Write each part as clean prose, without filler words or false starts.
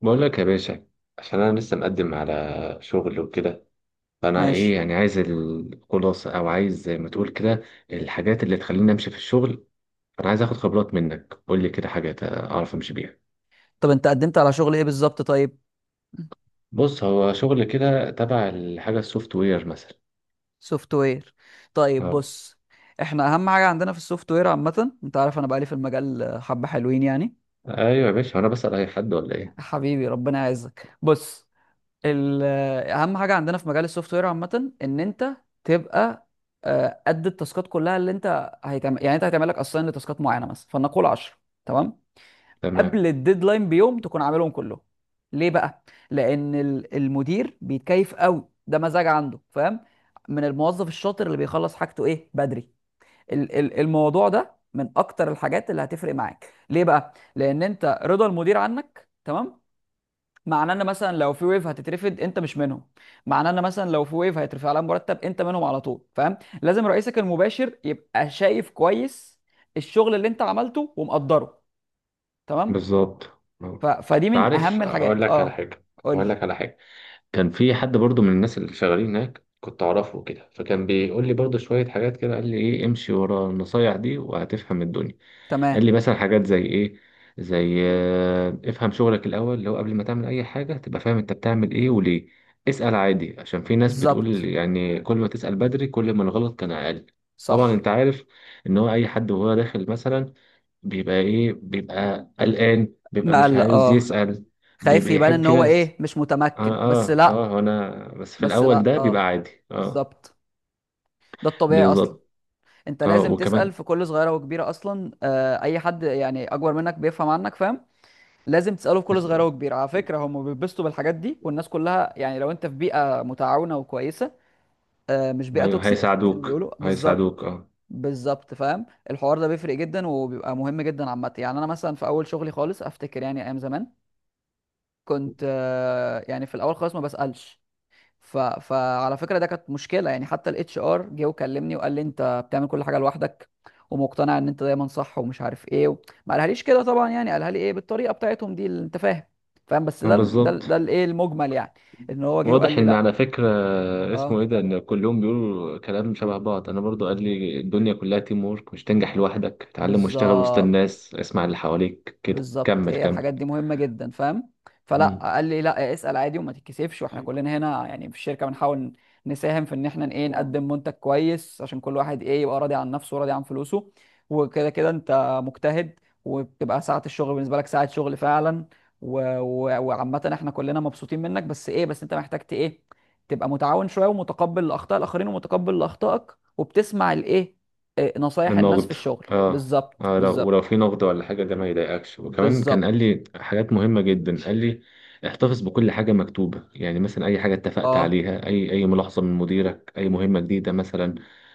بقول لك يا باشا، عشان انا لسه مقدم على شغل وكده. فانا ايه ماشي. يعني، عايز الخلاصه او عايز زي ما تقول كده، الحاجات اللي تخليني امشي في الشغل. انا عايز اخد خبرات منك، قول لي كده حاجات اعرف امشي بيها. طب انت قدمت على شغل ايه بالظبط؟ طيب، بص، هو شغل كده تبع الحاجه السوفت وير مثلا. سوفت وير. طيب اه. بص، احنا اهم حاجه عندنا في السوفت وير عامه، انت عارف انا بقالي في المجال حبه حلوين ايوه يا باشا، انا بسأل اي حد ولا ايه؟ حبيبي ربنا يعزك. بص، ال- اهم حاجه عندنا في مجال السوفت وير عامه ان انت تبقى قد التاسكات كلها اللي انت هيتعمل، يعني انت هيتعمل لك اساين لتاسكات معينه، مثلا فلنقول 10، تمام، تمام. قبل الديدلاين بيوم تكون عاملهم كلهم. ليه بقى؟ لان المدير بيتكيف قوي، ده مزاج عنده فاهم، من الموظف الشاطر اللي بيخلص حاجته ايه بدري. الموضوع ده من اكتر الحاجات اللي هتفرق معاك. ليه بقى؟ لان انت رضا المدير عنك تمام، معناه ان مثلا لو في ويف هتترفد انت مش منهم، معناه ان مثلا لو في ويف هيترفع لها مرتب انت منهم على طول. فاهم؟ لازم رئيسك المباشر يبقى شايف كويس الشغل اللي انت عملته ومقدره. تمام. بالظبط اه. فدي من تعرف اهم اقول الحاجات. لك على اه، حاجه. قول لي. اقول لك على حاجه. كان في حد برضو من الناس اللي شغالين هناك كنت اعرفه كده، فكان بيقول لي برضو شوية حاجات كده. قال لي ايه، امشي ورا النصايح دي وهتفهم الدنيا. قال تمام، لي مثلا حاجات زي ايه؟ زي افهم شغلك الاول، اللي هو قبل ما تعمل اي حاجة تبقى فاهم انت بتعمل ايه وليه. اسأل عادي، عشان في ناس بتقول بالظبط، يعني كل ما تسأل بدري كل ما الغلط كان اقل. طبعا صح. انت عارف ان هو اي حد وهو داخل مثلا بيبقى ايه، بيبقى قلقان، بيبقى مش مقلق، عايز اه. يسأل. خايف بيبقى يبان يحب ان في هو ناس. ايه، مش اه متمكن، بس اه لا. اه، انا بس في بس الاول لا، ده بيبقى اه، عادي اه. بالظبط، ده الطبيعي اصلا. بالظبط انت اه. لازم وكمان تسأل في كل صغيرة وكبيرة اصلا، آه، اي حد يعني اكبر منك بيفهم عنك، فاهم؟ لازم تسأله في كل بس. صغيرة وكبيرة. على فكرة هم بيتبسطوا بالحاجات دي، والناس كلها يعني لو انت في بيئة متعاونة وكويسة، مش بيئه هي- توكسيك زي ما هيساعدوك بيقولوا. بالظبط هيساعدوك اه. بالظبط، فاهم؟ الحوار ده بيفرق جدا وبيبقى مهم جدا عامه. يعني انا مثلا في اول شغلي خالص افتكر، يعني ايام زمان كنت يعني في الاول خالص ما بسالش، فعلى فكره ده كانت مشكله، يعني حتى الاتش ار جه وكلمني وقال لي انت بتعمل كل حاجه لوحدك ومقتنع ان انت دايما صح ومش عارف ايه ما قالهاليش كده طبعا، يعني قالها لي ايه بالطريقه بتاعتهم دي اللي انت فاهم. فاهم؟ بس ده بالظبط. الايه المجمل يعني، ان هو جه وقال واضح لي ان لا. على فكرة اسمه ايه اه، ده ان كلهم بيقولوا كلام شبه بعض. انا برضو قال لي الدنيا كلها تيم وورك، مش تنجح لوحدك. اتعلم واشتغل وسط بالظبط. الناس، اسمع اللي حواليك، كده بالظبط، كمل هي كمل. الحاجات دي مهمة جدا، فاهم؟ فلا، قال لي لا اسأل عادي وما تتكسفش، واحنا كلنا هنا يعني في الشركة بنحاول نساهم في ان احنا ايه مم. نقدم منتج كويس، عشان كل واحد ايه يبقى راضي عن نفسه وراضي عن فلوسه، وكده كده انت مجتهد وبتبقى ساعة الشغل بالنسبة لك ساعة شغل فعلا، وعامة احنا كلنا مبسوطين منك، بس ايه، بس انت محتاج ايه، تبقى متعاون شوية ومتقبل لأخطاء الآخرين ومتقبل لأخطائك، وبتسمع الايه، نصايح من الناس في نقد. الشغل. اه بالظبط اه، لو بالظبط ولو في نقد ولا حاجة، ده ما يضايقكش. وكمان كان قال بالظبط، لي حاجات مهمة جدا. قال لي احتفظ بكل حاجة مكتوبة، يعني مثلا أي حاجة اتفقت اه. عليها، أي ملاحظة من مديرك، أي مهمة جديدة مثلا،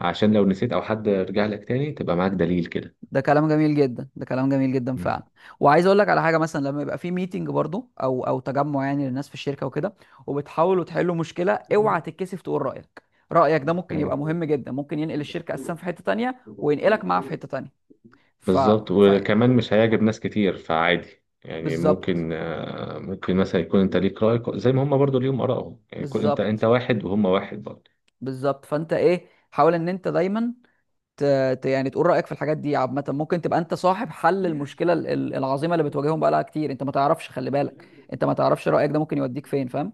عشان لو نسيت أو حد رجع لك تاني تبقى معاك دليل كده. ده كلام جميل جدا، ده كلام جميل جدا مم. فعلا. وعايز اقول لك على حاجه، مثلا لما يبقى في ميتنج برضو، او تجمع يعني للناس في الشركه وكده، وبتحاولوا تحلوا مشكله، اوعى تتكسف تقول رايك. رايك ده ممكن يبقى يعني مهم جدا، ممكن ينقل الشركه اساسا في حته تانية وينقلك معاه في حته تانية. ف, بالظبط. ف... وكمان مش هيعجب ناس كتير، فعادي يعني بالظبط ممكن مثلا يكون انت ليك رأي زي ما هم برضو ليهم آرائهم، يعني يكون انت بالظبط واحد وهم واحد برضو. بالظبط. فانت ايه، حاول ان انت دايما ت... يعني تقول رايك في الحاجات دي عامه. ممكن تبقى انت صاحب حل المشكله العظيمه اللي بتواجههم بقالها كتير، انت ما تعرفش، خلي بالك، انت ما تعرفش رايك ده ممكن يوديك فين. فاهم؟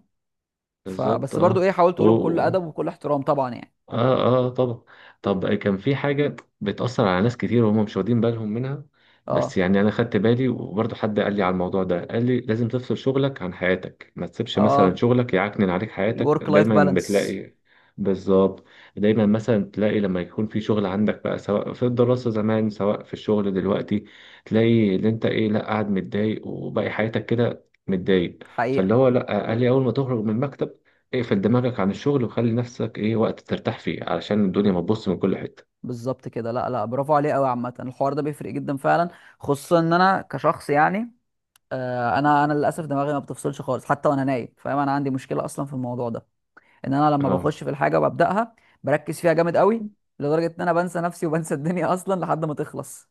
بالظبط فبس برضو ايه، اه. حاولت و- اقوله بكل و- ادب وبكل احترام طبعا يعني. اه اه طبعا. طب كان في حاجة بتأثر على ناس كتير وهم مش واخدين بالهم منها. بس اه يعني أنا خدت بالي، وبرضه حد قال لي على الموضوع ده. قال لي لازم تفصل شغلك عن حياتك، ما تسيبش مثلا اه، شغلك يعكنن عليك حياتك. الورك لايف دايما بالانس، بتلاقي بالظبط، دايما مثلا تلاقي لما يكون في شغل عندك بقى، سواء في الدراسة زمان سواء في الشغل دلوقتي، تلاقي اللي انت ايه لا قاعد متضايق وباقي حياتك كده متضايق. فاللي حقيقة. هو لا، قال لي اول ما تخرج من المكتب اقفل دماغك عن الشغل وخلي نفسك ايه وقت ترتاح فيه، علشان الدنيا ما تبص من كل حتة. بالظبط كده، لا لا، برافو عليه قوي. عامة الحوار ده بيفرق جدا فعلا، خصوصا ان انا كشخص يعني آه انا للاسف دماغي ما بتفصلش خالص، حتى وانا نايم فاهم؟ انا عندي مشكلة اصلا في الموضوع ده، ان انا لما اه بخش في الحاجة وببدأها بركز فيها جامد قوي، لدرجة ان انا بنسى نفسي وبنسى الدنيا اصلا لحد ما تخلص.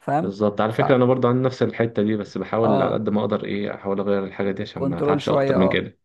فاهم؟ بالظبط. على ف فكرة انا برضه عندي نفس الحتة دي، بس بحاول على اه، قد ما اقدر ايه احاول اغير الحاجة دي عشان ما كنترول اتعبش شوية، اكتر من اه. كده.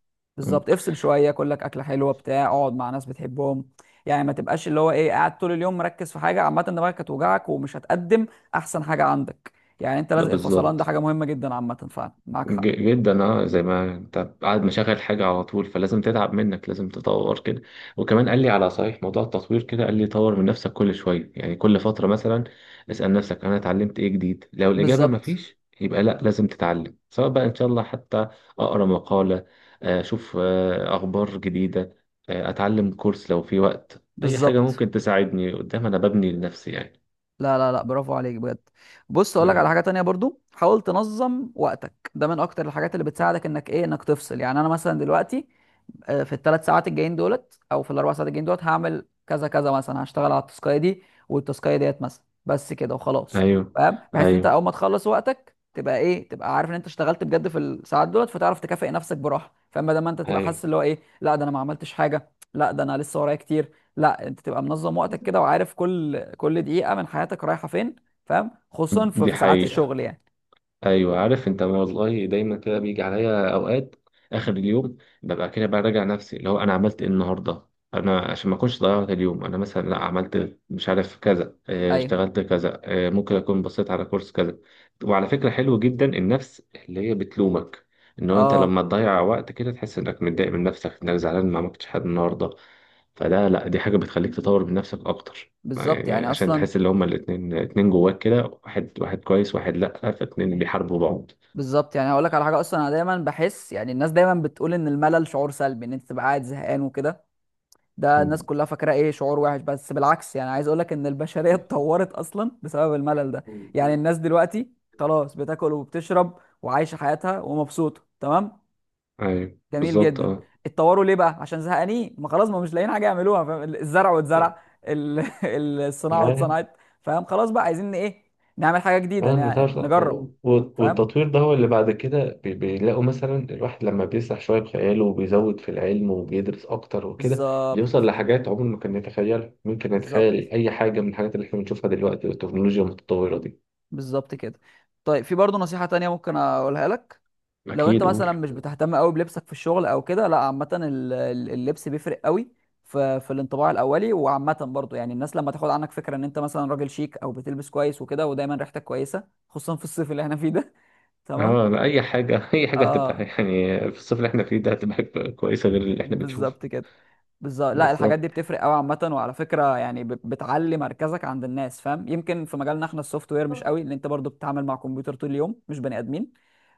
مم. بالظبط، افصل شويه، كل لك اكله حلوه بتاع، اقعد مع ناس بتحبهم، يعني ما تبقاش اللي هو ايه قاعد طول اليوم مركز في حاجه، عامه دماغك هتوجعك ومش هتقدم احسن حاجه عندك، يعني انت ده لازق الفصلان ده بالظبط حاجه مهمه جدا عامه، فعلا معاك حق. جدا اه. زي ما انت قاعد مشغل حاجة على طول فلازم تتعب منك، لازم تطور كده. وكمان قال لي على صحيح، موضوع التطوير كده قال لي طور من نفسك كل شوية. يعني كل فترة مثلا اسأل نفسك انا اتعلمت ايه جديد، لو الإجابة ما بالظبط فيش يبقى لا لازم تتعلم. سواء بقى ان شاء الله حتى اقرا مقالة، اشوف اخبار جديدة، اتعلم كورس لو في وقت، اي حاجة بالظبط، ممكن تساعدني قدام انا ببني لنفسي يعني. لا لا لا، برافو عليك بجد. بص، اقول لك ايوه على حاجه تانية برضو، حاول تنظم وقتك، ده من اكتر الحاجات اللي بتساعدك انك ايه، انك تفصل. يعني انا مثلا دلوقتي في الثلاث ساعات الجايين دولت او في الاربع ساعات الجايين دولت هعمل كذا كذا، مثلا هشتغل على التاسكايه دي والتاسكايه ديت مثلا بس كده وخلاص. ايوه فاهم؟ بحيث ان انت ايوه اول ما تخلص وقتك تبقى ايه، تبقى عارف ان انت اشتغلت بجد في الساعات دولت، فتعرف تكافئ نفسك براحه. فاما ده ما انت تبقى ايوه. حاسس اللي هو ايه، لا ده انا ما عملتش حاجه، لا ده انا لسه ورايا كتير. لا، انت تبقى منظم وقتك كده وعارف كل دقيقه من حياتك رايحه فين. فاهم؟ خصوصا في دي ساعات حقيقة. الشغل يعني. ايوه عارف انت، ما والله دايما كده بيجي عليا اوقات اخر اليوم ببقى كده براجع نفسي اللي هو انا عملت ايه النهارده. انا عشان ما اكونش ضيعت اليوم، انا مثلا لا عملت مش عارف كذا، ايوه اشتغلت كذا، ممكن اكون بصيت على كورس كذا. وعلى فكره حلو جدا النفس اللي هي بتلومك، ان هو انت اه، لما تضيع وقت كده تحس انك متضايق من نفسك، انك زعلان ما عملتش حاجه النهارده. فده لا، دي حاجه بتخليك تطور من نفسك اكتر. بالظبط يعني يعني عشان اصلا. تحس ان هما الاتنين اتنين جواك كده، واحد واحد كويس واحد لأ، فاتنين بيحاربوا بعض. بالظبط، يعني هقول لك على حاجه اصلا. انا دايما بحس، يعني الناس دايما بتقول ان الملل شعور سلبي، ان انت تبقى قاعد زهقان وكده، ده الناس مم. كلها فاكره ايه، شعور وحش. بس بالعكس، يعني عايز اقول لك ان البشريه اتطورت اصلا بسبب الملل ده. يعني الناس دلوقتي خلاص بتاكل وبتشرب وعايشه حياتها ومبسوطه، تمام، ايوه جميل بالظبط جدا. اه. اتطوروا ليه بقى؟ عشان زهقانين، ما خلاص ما مش لاقيين حاجه يعملوها، فاهم؟ الزرع واتزرع، ال- الصناعه يعني واتصنعت. فاهم؟ خلاص بقى، عايزين ايه، نعمل حاجه جديده، آه، النتاج- نجرب. فاهم؟ والتطوير ده هو اللي بعد كده بيلاقوا مثلا الواحد لما بيسرح شوية بخياله وبيزود في العلم وبيدرس أكتر وكده، بيوصل بالظبط لحاجات عمره ما كان يتخيلها. ممكن بالظبط. يتخيل أي حاجة من الحاجات اللي احنا بنشوفها دلوقتي والتكنولوجيا المتطورة دي. بالظبط كده. طيب، في برضه نصيحة تانية ممكن اقولها لك. لو انت اكيد قول. مثلا مش بتهتم قوي بلبسك في الشغل او كده، لا عامة اللبس بيفرق قوي في الانطباع الاولي. وعامة برضه يعني الناس لما تاخد عنك فكرة ان انت مثلا راجل شيك او بتلبس كويس وكده، ودايما ريحتك كويسة خصوصا في الصيف اللي احنا فيه ده تمام؟ اه لا، اي حاجه اي حاجه هتبقى، اه، يعني في الصيف اللي احنا فيه ده هتبقى حاجة كويسه غير اللي احنا بنشوفه. بالظبط كده. بالظبط، لا الحاجات دي بالظبط. بتفرق قوي عامة. وعلى فكرة يعني بتعلي مركزك عند الناس، فاهم؟ يمكن في مجالنا احنا السوفت وير مش قوي، لان انت برضو بتتعامل مع كمبيوتر طول اليوم مش بني ادمين،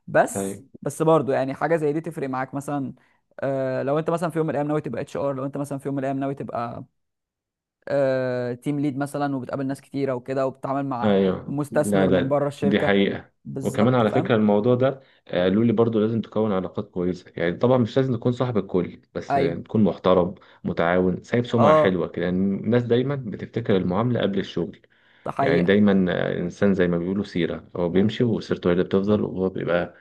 بس ايوه برضو يعني حاجة زي دي تفرق معاك مثلا. آه، لو انت مثلا في يوم من الايام ناوي تبقى اتش ار، لو انت مثلا في يوم من الايام ناوي تبقى آه تيم ليد مثلا، وبتقابل ناس كتيرة وكده وبتتعامل مع ايوه لا مستثمر من لا، بره دي الشركة، حقيقه. وكمان بالظبط على فاهم. فكره الموضوع ده، قالوا لي برضو لازم تكون علاقات كويسه. يعني طبعا مش لازم تكون صاحب الكل، بس ايوه تكون محترم متعاون، سايب سمعه اه، حلوه كده. يعني الناس دايما بتفتكر المعامله قبل الشغل. ده يعني حقيقة، دايما انسان زي ما بيقولوا سيره، هو بيمشي وسيرته هي اللي بتفضل، وهو بيبقى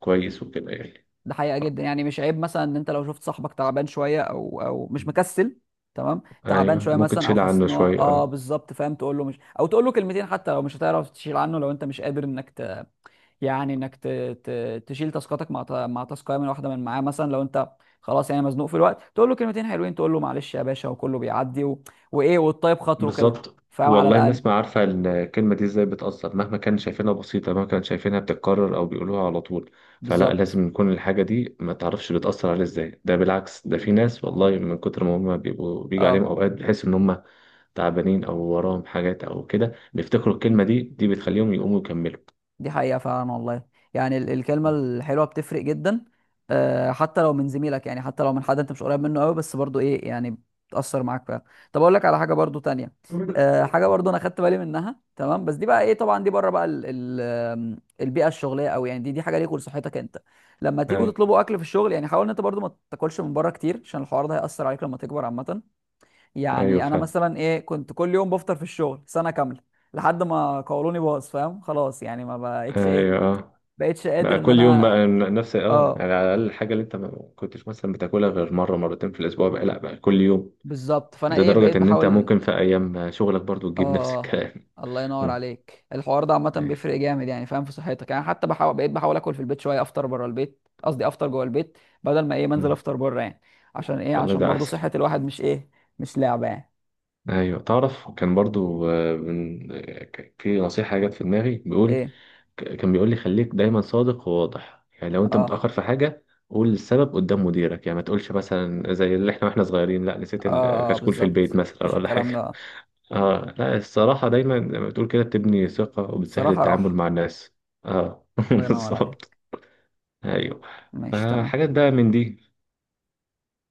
كويس وكده يعني. ده حقيقة جدا. يعني مش عيب مثلا ان انت لو شفت صاحبك تعبان شوية او مش مكسل، تمام، تعبان ايوه شوية ممكن مثلا او تشيل حاسس عنه ان هو شويه اه، اه. بالظبط فاهم، تقول له مش، او تقول له كلمتين حتى لو مش هتعرف تشيل عنه، لو انت مش قادر انك ت... يعني انك ت... ت... تشيل تاسكاتك مع مع تاسكايه من واحدة من معاه مثلا، لو انت خلاص يعني مزنوق في الوقت، تقول له كلمتين حلوين، تقول له معلش يا باشا وكله بيعدي وايه، والطيب خاطره كده، بالظبط. فاهم؟ على والله الاقل الناس ما عارفه الكلمه دي ازاي بتاثر، مهما كان شايفينها بسيطه، مهما كان شايفينها بتتكرر او بيقولوها على طول. فلا، بالظبط لازم يكون الحاجه دي ما تعرفش بتاثر عليه ازاي، ده بالعكس. ده في ناس والله من كتر ما هم بيبقوا بيجي عليهم اه. اوقات بيحس ان هم تعبانين او وراهم حاجات او كده، بيفتكروا الكلمه دي دي بتخليهم يقوموا يكملوا. دي حقيقة فعلا والله، يعني الكلمة الحلوة بتفرق جدا، حتى لو من زميلك، يعني حتى لو من حد انت مش قريب منه قوي، بس برضو ايه يعني بتأثر معاك فعلا. طب اقول لك على حاجة برضو تانية، حاجة برضو انا خدت بالي منها تمام، بس دي بقى ايه، طبعا دي بره بقى ال ال البيئة الشغلية قوي. يعني دي حاجة ليك ولصحتك انت. لما تيجوا ايوه تطلبوا اكل في الشغل، يعني حاول ان انت برضو ما تاكلش من بره كتير، عشان الحوار ده هيأثر عليك لما تكبر عامة. ايوه يعني انا فاهم. مثلا ايه، كنت كل يوم بفطر في الشغل سنه كامله، لحد ما قولوني باظ. فاهم؟ خلاص يعني ما بقتش ايه، ايوه بقتش قادر بقى ان كل يوم انا بقى نفس اه، اه، يعني على الأقل الحاجة اللي أنت ما كنتش مثلا بتاكلها غير مرة مرتين في الأسبوع بقى لأ بقى كل يوم، بالظبط. فانا ايه، بقيت لدرجة إن أنت بحاول، ممكن في أيام شغلك برضو تجيب نفس اه. الكلام. الله ينور مم. عليك، الحوار ده عامه أيوة. بيفرق جامد يعني، فاهم؟ في صحتك يعني، حتى بحاول، بقيت بحاول اكل في البيت شويه، افطر بره البيت قصدي افطر جوه البيت بدل ما ايه منزل مم. افطر بره يعني. عشان ايه؟ والله عشان ده برضو أحسن. صحه الواحد مش ايه، مش لعبه يعني. أيوه تعرف كان برضو في نصيحة جت في دماغي بيقول. ايه؟ كان بيقول لي خليك دايما صادق وواضح. يعني لو أنت اه، متأخر في حاجة قول السبب قدام مديرك، يعني ما تقولش مثلا زي اللي احنا واحنا صغيرين لا نسيت اه، الكشكول في البيت بالظبط، مثلا مفيش ولا الكلام حاجة. ده. اه لا، الصراحة دايما زي ما بتقول كده بتبني ثقة وبتسهل صراحه راحه. التعامل مع الناس. اه الله ينور عليك. بالظبط. ايوه. ماشي تمام. فحاجات بقى من دي.